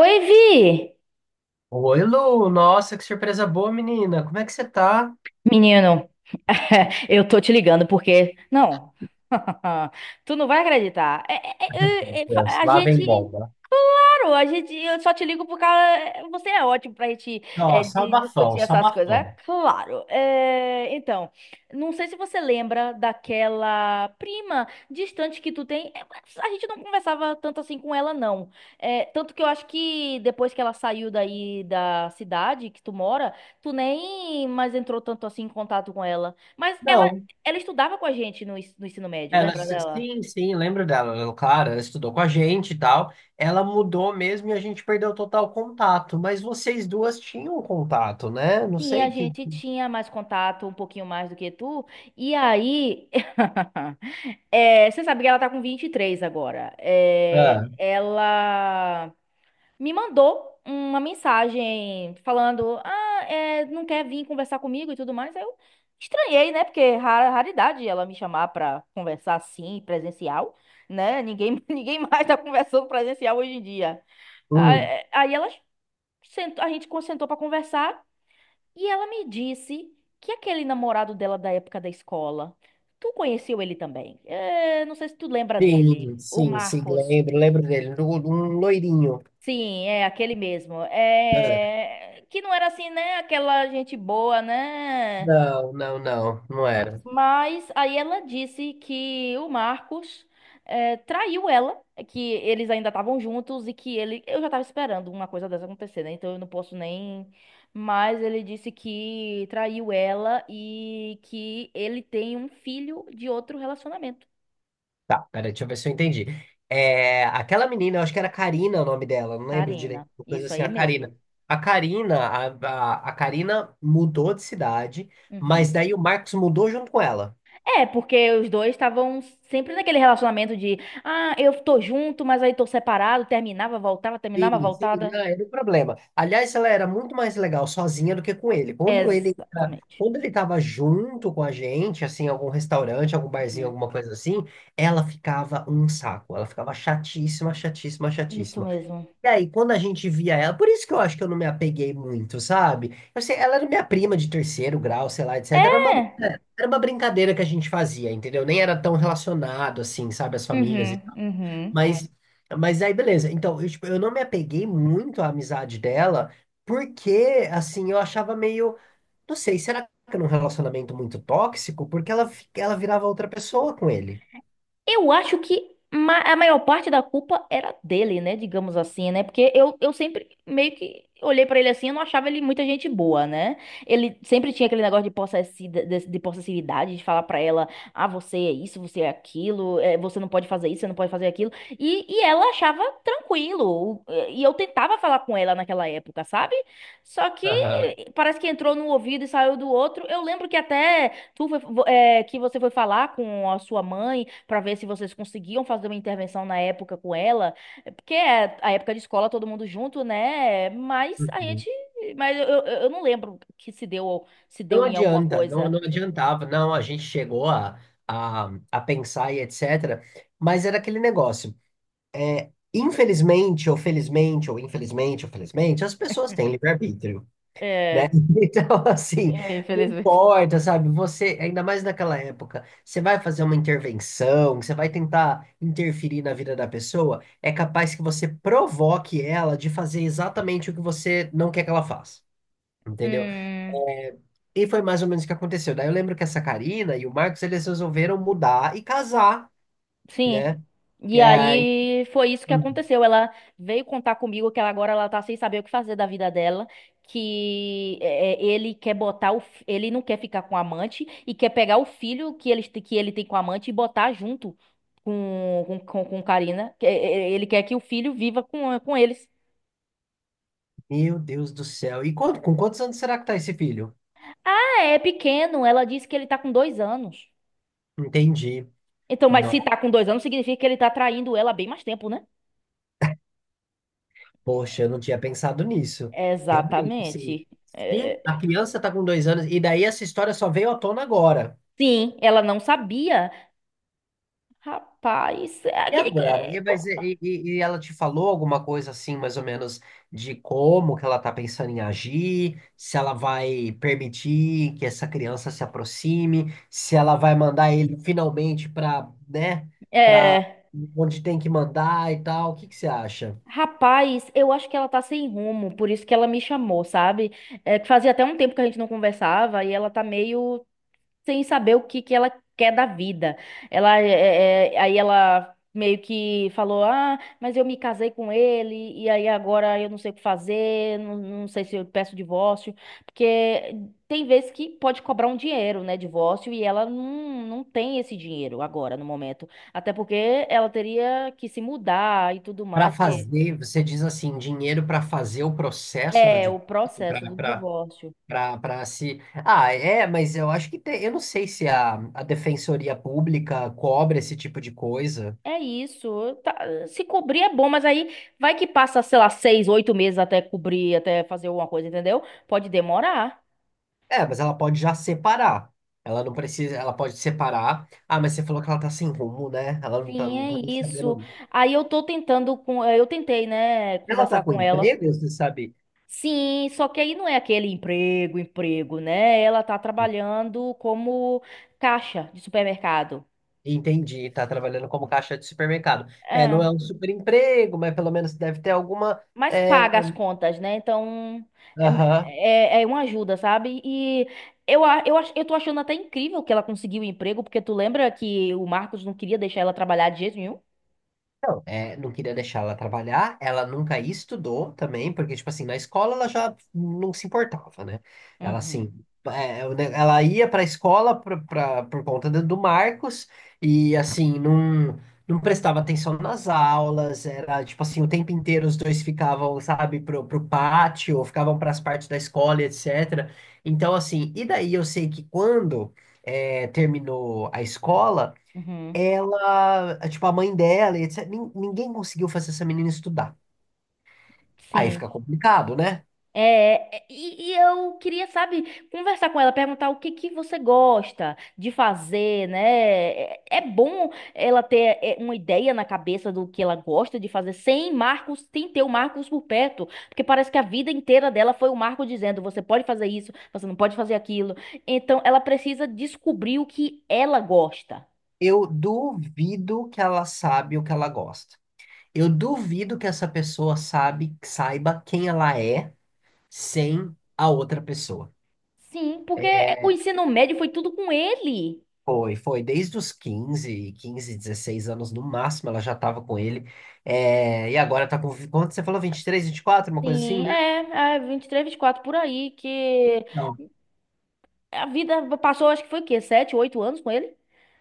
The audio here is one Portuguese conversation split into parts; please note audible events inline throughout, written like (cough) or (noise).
Oi, Vi! Oi, Lu! Nossa, que surpresa boa, menina! Como é que você tá? Menino, (laughs) eu tô te ligando porque. Não, (laughs) tu não vai acreditar. Meu Deus, A lá gente. vem bomba. Claro, a gente. Eu só te ligo por causa. Você é ótimo pra gente Nossa, abafão, discutir essas coisas. É, abafão. claro. É, então, não sei se você lembra daquela prima distante que tu tem. É, a gente não conversava tanto assim com ela, não. É, tanto que eu acho que depois que ela saiu daí da cidade que tu mora. Tu nem mais entrou tanto assim em contato com ela. Mas ela, Não. ela estudava com a gente no ensino médio, Ela, lembra dela? sim, sim, lembro dela. Ela, claro, ela estudou com a gente e tal. Ela mudou mesmo e a gente perdeu total contato. Mas vocês duas tinham contato, né? Não Sim, a sei que. gente tinha mais contato, um pouquinho mais do que tu. E aí, (laughs) é, você sabe que ela tá com 23 agora. É, Ah. ela me mandou uma mensagem falando: Ah, é, não quer vir conversar comigo e tudo mais. Aí eu estranhei, né? Porque é raridade ela me chamar pra conversar assim, presencial, né? Ninguém, (laughs) ninguém mais tá conversando presencial hoje em dia. Ah, Hum. é, aí ela sentou, sentou pra conversar e ela me disse que aquele namorado dela da época da escola, tu conheceu ele também? É, não sei se tu lembra dele, Sim, o sim, sim, Marcos. lembro, lembro dele. Um loirinho. Sim, é aquele mesmo. Ah. É. Que não era assim, né? Aquela gente boa, né? Não, não, não, não era. Mas aí ela disse que o Marcos é, traiu ela, que eles ainda estavam juntos e que ele. Eu já tava esperando uma coisa dessa acontecer, né? Então eu não posso nem. Mas ele disse que traiu ela e que ele tem um filho de outro relacionamento. Tá, pera, deixa eu ver se eu entendi. É, aquela menina, eu acho que era Karina o nome dela, não lembro direito, Karina, uma coisa isso assim, aí a mesmo. Karina. A Karina, a Karina mudou de cidade, Uhum. mas daí o Marcos mudou junto com ela. É, porque os dois estavam sempre naquele relacionamento de, ah, eu tô junto, mas aí tô separado, terminava, voltava, terminava, Sim, sim, voltada. não, era um problema. Aliás, ela era muito mais legal sozinha do que com ele. Quando ele, tá- Exatamente. quando ele tava junto com a gente, assim, em algum restaurante, algum barzinho, Uhum. alguma coisa assim, ela ficava um saco. Ela ficava chatíssima, chatíssima, Isso chatíssima. mesmo. E aí, quando a gente via ela, por isso que eu acho que eu não me apeguei muito, sabe? Eu sei, ela era minha prima de terceiro grau, sei lá, etc. Era uma, É. era uma brincadeira que a gente fazia, entendeu? Nem era tão relacionado assim, sabe, as famílias e Uhum, tal. uhum. Mas, mas aí, beleza. Então, eu, tipo, eu não me apeguei muito à amizade dela, porque, assim, eu achava meio. Não sei, será que era um relacionamento muito tóxico? Porque ela, fi- ela virava outra pessoa com ele. Eu acho que a maior parte da culpa era dele, né? Digamos assim, né? Porque eu sempre meio que olhei pra ele assim, eu não achava ele muita gente boa, né? Ele sempre tinha aquele negócio de de possessividade, de falar pra ela, ah, você é isso, você é aquilo, você não pode fazer isso, você não pode fazer aquilo. E ela achava tranquilo. E eu tentava falar com ela naquela época, sabe? Só que Aham. Parece que entrou num ouvido e saiu do outro. Eu lembro que até. Tu foi- vo- é, que Você foi falar com a sua mãe para ver se vocês conseguiam fazer uma intervenção na época com ela. É porque é a época de escola todo mundo junto, né? Mas a Uhum. gente, mas eu não lembro que se deu se Não deu em alguma adianta, coisa. não adiantava. Não, a gente chegou a pensar e etc. Mas era aquele negócio. Infelizmente, ou felizmente, ou infelizmente, ou felizmente, as pessoas têm livre-arbítrio, né? É. (laughs) Então, assim, É, não infelizmente. importa, sabe? Você, ainda mais naquela época, você vai fazer uma intervenção, você vai tentar interferir na vida da pessoa, é capaz que você provoque ela de fazer exatamente o que você não quer que ela faça, entendeu? Hum. E foi mais ou menos o que aconteceu. Daí eu lembro que essa Karina e o Marcos, eles resolveram mudar e casar, Sim. né? E E aí. aí foi isso que Uhum. aconteceu. Ela veio contar comigo que ela agora ela tá sem saber o que fazer da vida dela, que é, é, ele quer botar ele não quer ficar com a amante e quer pegar o filho que ele tem com a amante e botar junto com Karina. Ele quer que o filho viva com eles. Meu Deus do céu. E quando, com quantos anos será que tá esse filho? Ah, é pequeno, ela disse que ele tá com 2 anos. Entendi. Então, mas Não, se tá com 2 anos, significa que ele tá traindo ela há bem mais tempo, né? poxa, eu não tinha pensado nisso. Realmente, assim, Exatamente. se É, a criança tá com 2 anos, e daí essa história só veio à tona agora. sim, ela não sabia. Rapaz, é E aquele. Agora? E, mas, e ela te falou alguma coisa assim, mais ou menos, de como que ela tá pensando em agir, se ela vai permitir que essa criança se aproxime, se ela vai mandar ele finalmente para, né, para é, onde tem que mandar e tal. O que que você acha? Rapaz, eu acho que ela tá sem rumo, por isso que ela me chamou, sabe? É que fazia até um tempo que a gente não conversava e ela tá meio sem saber o que que ela quer da vida. Ela é, é, é, Aí ela meio que falou: "Ah, mas eu me casei com ele e aí agora eu não sei o que fazer, não, não sei se eu peço divórcio, porque tem vezes que pode cobrar um dinheiro, né, divórcio, e ela não tem esse dinheiro agora no momento, até porque ela teria que se mudar e tudo Para mais, porque fazer, você diz assim, dinheiro para fazer o processo do é divórcio. o processo do divórcio. Pra se. Ah, é, mas eu acho que tem. Eu não sei se a Defensoria Pública cobra esse tipo de coisa. É isso. Se cobrir é bom, mas aí vai que passa, sei lá, 6, 8 meses até cobrir, até fazer alguma coisa, entendeu? Pode demorar. É, mas ela pode já separar. Ela não precisa. Ela pode separar. Ah, mas você falou que ela tá sem rumo, né? Ela não tá, Sim, é nem isso. sabendo. Aí eu tô tentando com, é, eu tentei, né, Ela tá conversar com com ela. emprego, você sabe? Sim, só que aí não é aquele emprego, emprego, né? Ela tá trabalhando como caixa de supermercado. Entendi, tá trabalhando como caixa de supermercado. É, não é um super emprego, mas pelo menos deve ter alguma. Mas É, paga as contas, né? Então aham. é, é, é uma ajuda, sabe? E eu tô achando até incrível que ela conseguiu o emprego, porque tu lembra que o Marcos não queria deixar ela trabalhar de jeito nenhum? Não, é, não queria deixar ela trabalhar, ela nunca estudou também, porque, tipo assim, na escola ela já não se importava, né? Ela, assim, Uhum, é, é, o ne- ela ia pra escola pra, pra- por conta do Marcos e, assim, não, não prestava atenção nas aulas, era, tipo assim, o tempo inteiro os dois ficavam, sabe, pro pátio, ou ficavam pras partes da escola, e etc. Então, assim, e daí eu sei que quando... é, terminou a escola, uhum. ela, tipo, a mãe dela, e etc. nin- Ninguém conseguiu fazer essa menina estudar. Aí Sim. fica complicado, né? E, e eu queria, sabe, conversar com ela, perguntar o que que você gosta de fazer, né? É, é bom ela ter é, uma ideia na cabeça do que ela gosta de fazer, sem Marcos, sem ter o Marcos por perto, porque parece que a vida inteira dela foi o Marco dizendo, você pode fazer isso, você não pode fazer aquilo. Então, ela precisa descobrir o que ela gosta. Eu duvido que ela sabe o que ela gosta. Eu duvido que essa pessoa sabe, saiba quem ela é sem a outra pessoa. Sim, porque o ensino médio foi tudo com ele. Foi, foi. Desde os quinze 16 anos no máximo, ela já tava com ele. É, e agora tá com. Quanto você falou? Vinte 23, 24 uma coisa assim, Sim, né? é, é 23, 24 por aí que Não. a vida passou, acho que foi o quê? 7, 8 anos com ele?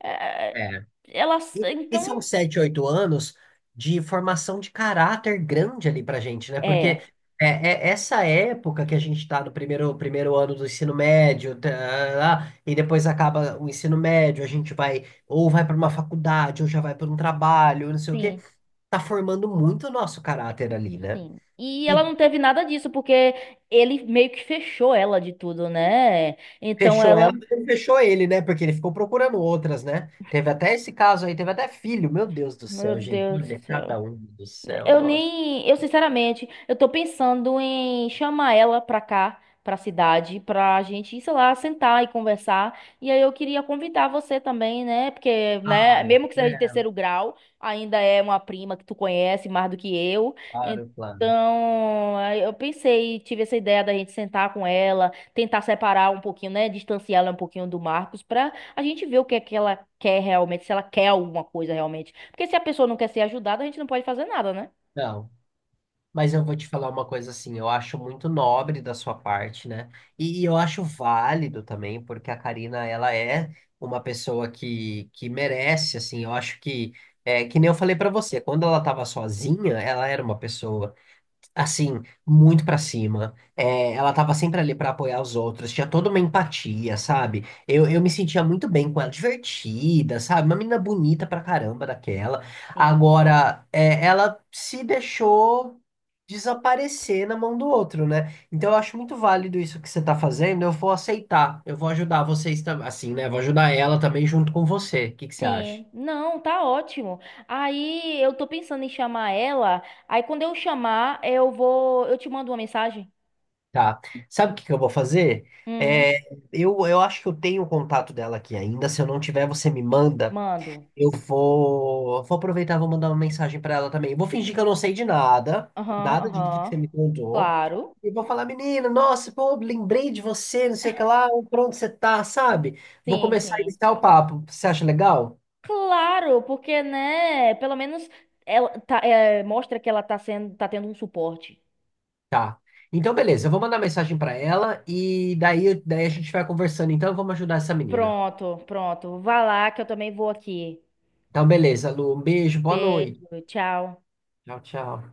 É, é, É. ela, E são então, 7, 8 anos de formação de caráter grande ali pra gente, né? Porque é, é essa época que a gente tá no primeiro ano do ensino médio, tá, lá, e depois acaba o ensino médio, a gente vai ou vai pra uma faculdade, ou já vai pra um trabalho, não sei o quê. sim, Tá formando muito o nosso caráter ali, né? sim. E E ela não teve nada disso, porque ele meio que fechou ela de tudo, né? Então fechou ela, ela, mas não fechou ele, né? Porque ele ficou procurando outras, né? Teve até esse caso aí, teve até filho. Meu Deus do meu céu, gente. Deus. Olha, cada um do céu, Eu nossa. nem, eu sinceramente, eu tô pensando em chamar ela pra cá, pra cidade, pra gente, sei lá, sentar e conversar. E aí eu queria convidar você também, né? Porque, né, Ai. mesmo que seja de É. terceiro grau, ainda é uma prima que tu conhece mais do que eu. Claro, claro. Então, aí eu pensei, tive essa ideia da gente sentar com ela, tentar separar um pouquinho, né, distanciar ela um pouquinho do Marcos pra a gente ver o que é que ela quer realmente, se ela quer alguma coisa realmente. Porque se a pessoa não quer ser ajudada, a gente não pode fazer nada, né? Não, mas eu vou te falar uma coisa assim, eu acho muito nobre da sua parte, né? E eu acho válido também, porque a Karina, ela é uma pessoa que merece, assim, eu acho que, é, que nem eu falei pra você, quando ela tava sozinha, ela era uma pessoa assim, muito pra cima. É, ela tava sempre ali pra apoiar os outros, tinha toda uma empatia, sabe? Eu me sentia muito bem com ela, divertida, sabe? Uma menina bonita pra caramba daquela. Sim. Agora, é, ela se deixou desaparecer na mão do outro, né? Então eu acho muito válido isso que você tá fazendo, eu vou aceitar, eu vou ajudar vocês também, assim, né? Vou ajudar ela também junto com você. O que que você acha? Sim. Não, tá ótimo. Aí eu tô pensando em chamar ela. Aí quando eu chamar, eu vou. Eu te mando uma mensagem? Tá. Sabe o que que eu vou fazer? Hum, É, eu acho que eu tenho o contato dela aqui ainda. Se eu não tiver, você me manda. mando. Eu vou, vou aproveitar, e vou mandar uma mensagem pra ela também. Eu vou fingir que eu não sei de nada, Aham, nada disso que você aham. me contou. Claro. E vou falar, menina, nossa, pô, lembrei de você, não sei o que lá, por onde você tá, sabe? Vou Sim, começar a sim. iniciar o papo. Você acha legal? Claro, porque, né? Pelo menos ela tá, é, mostra que ela tá sendo, tá tendo um suporte. Tá. Então, beleza, eu vou mandar mensagem pra ela e daí, daí a gente vai conversando. Então, vamos ajudar essa menina. Pronto, pronto. Vá lá que eu também vou aqui. Então, beleza, Lu, um beijo, boa noite. Beijo, tchau. Tchau, tchau.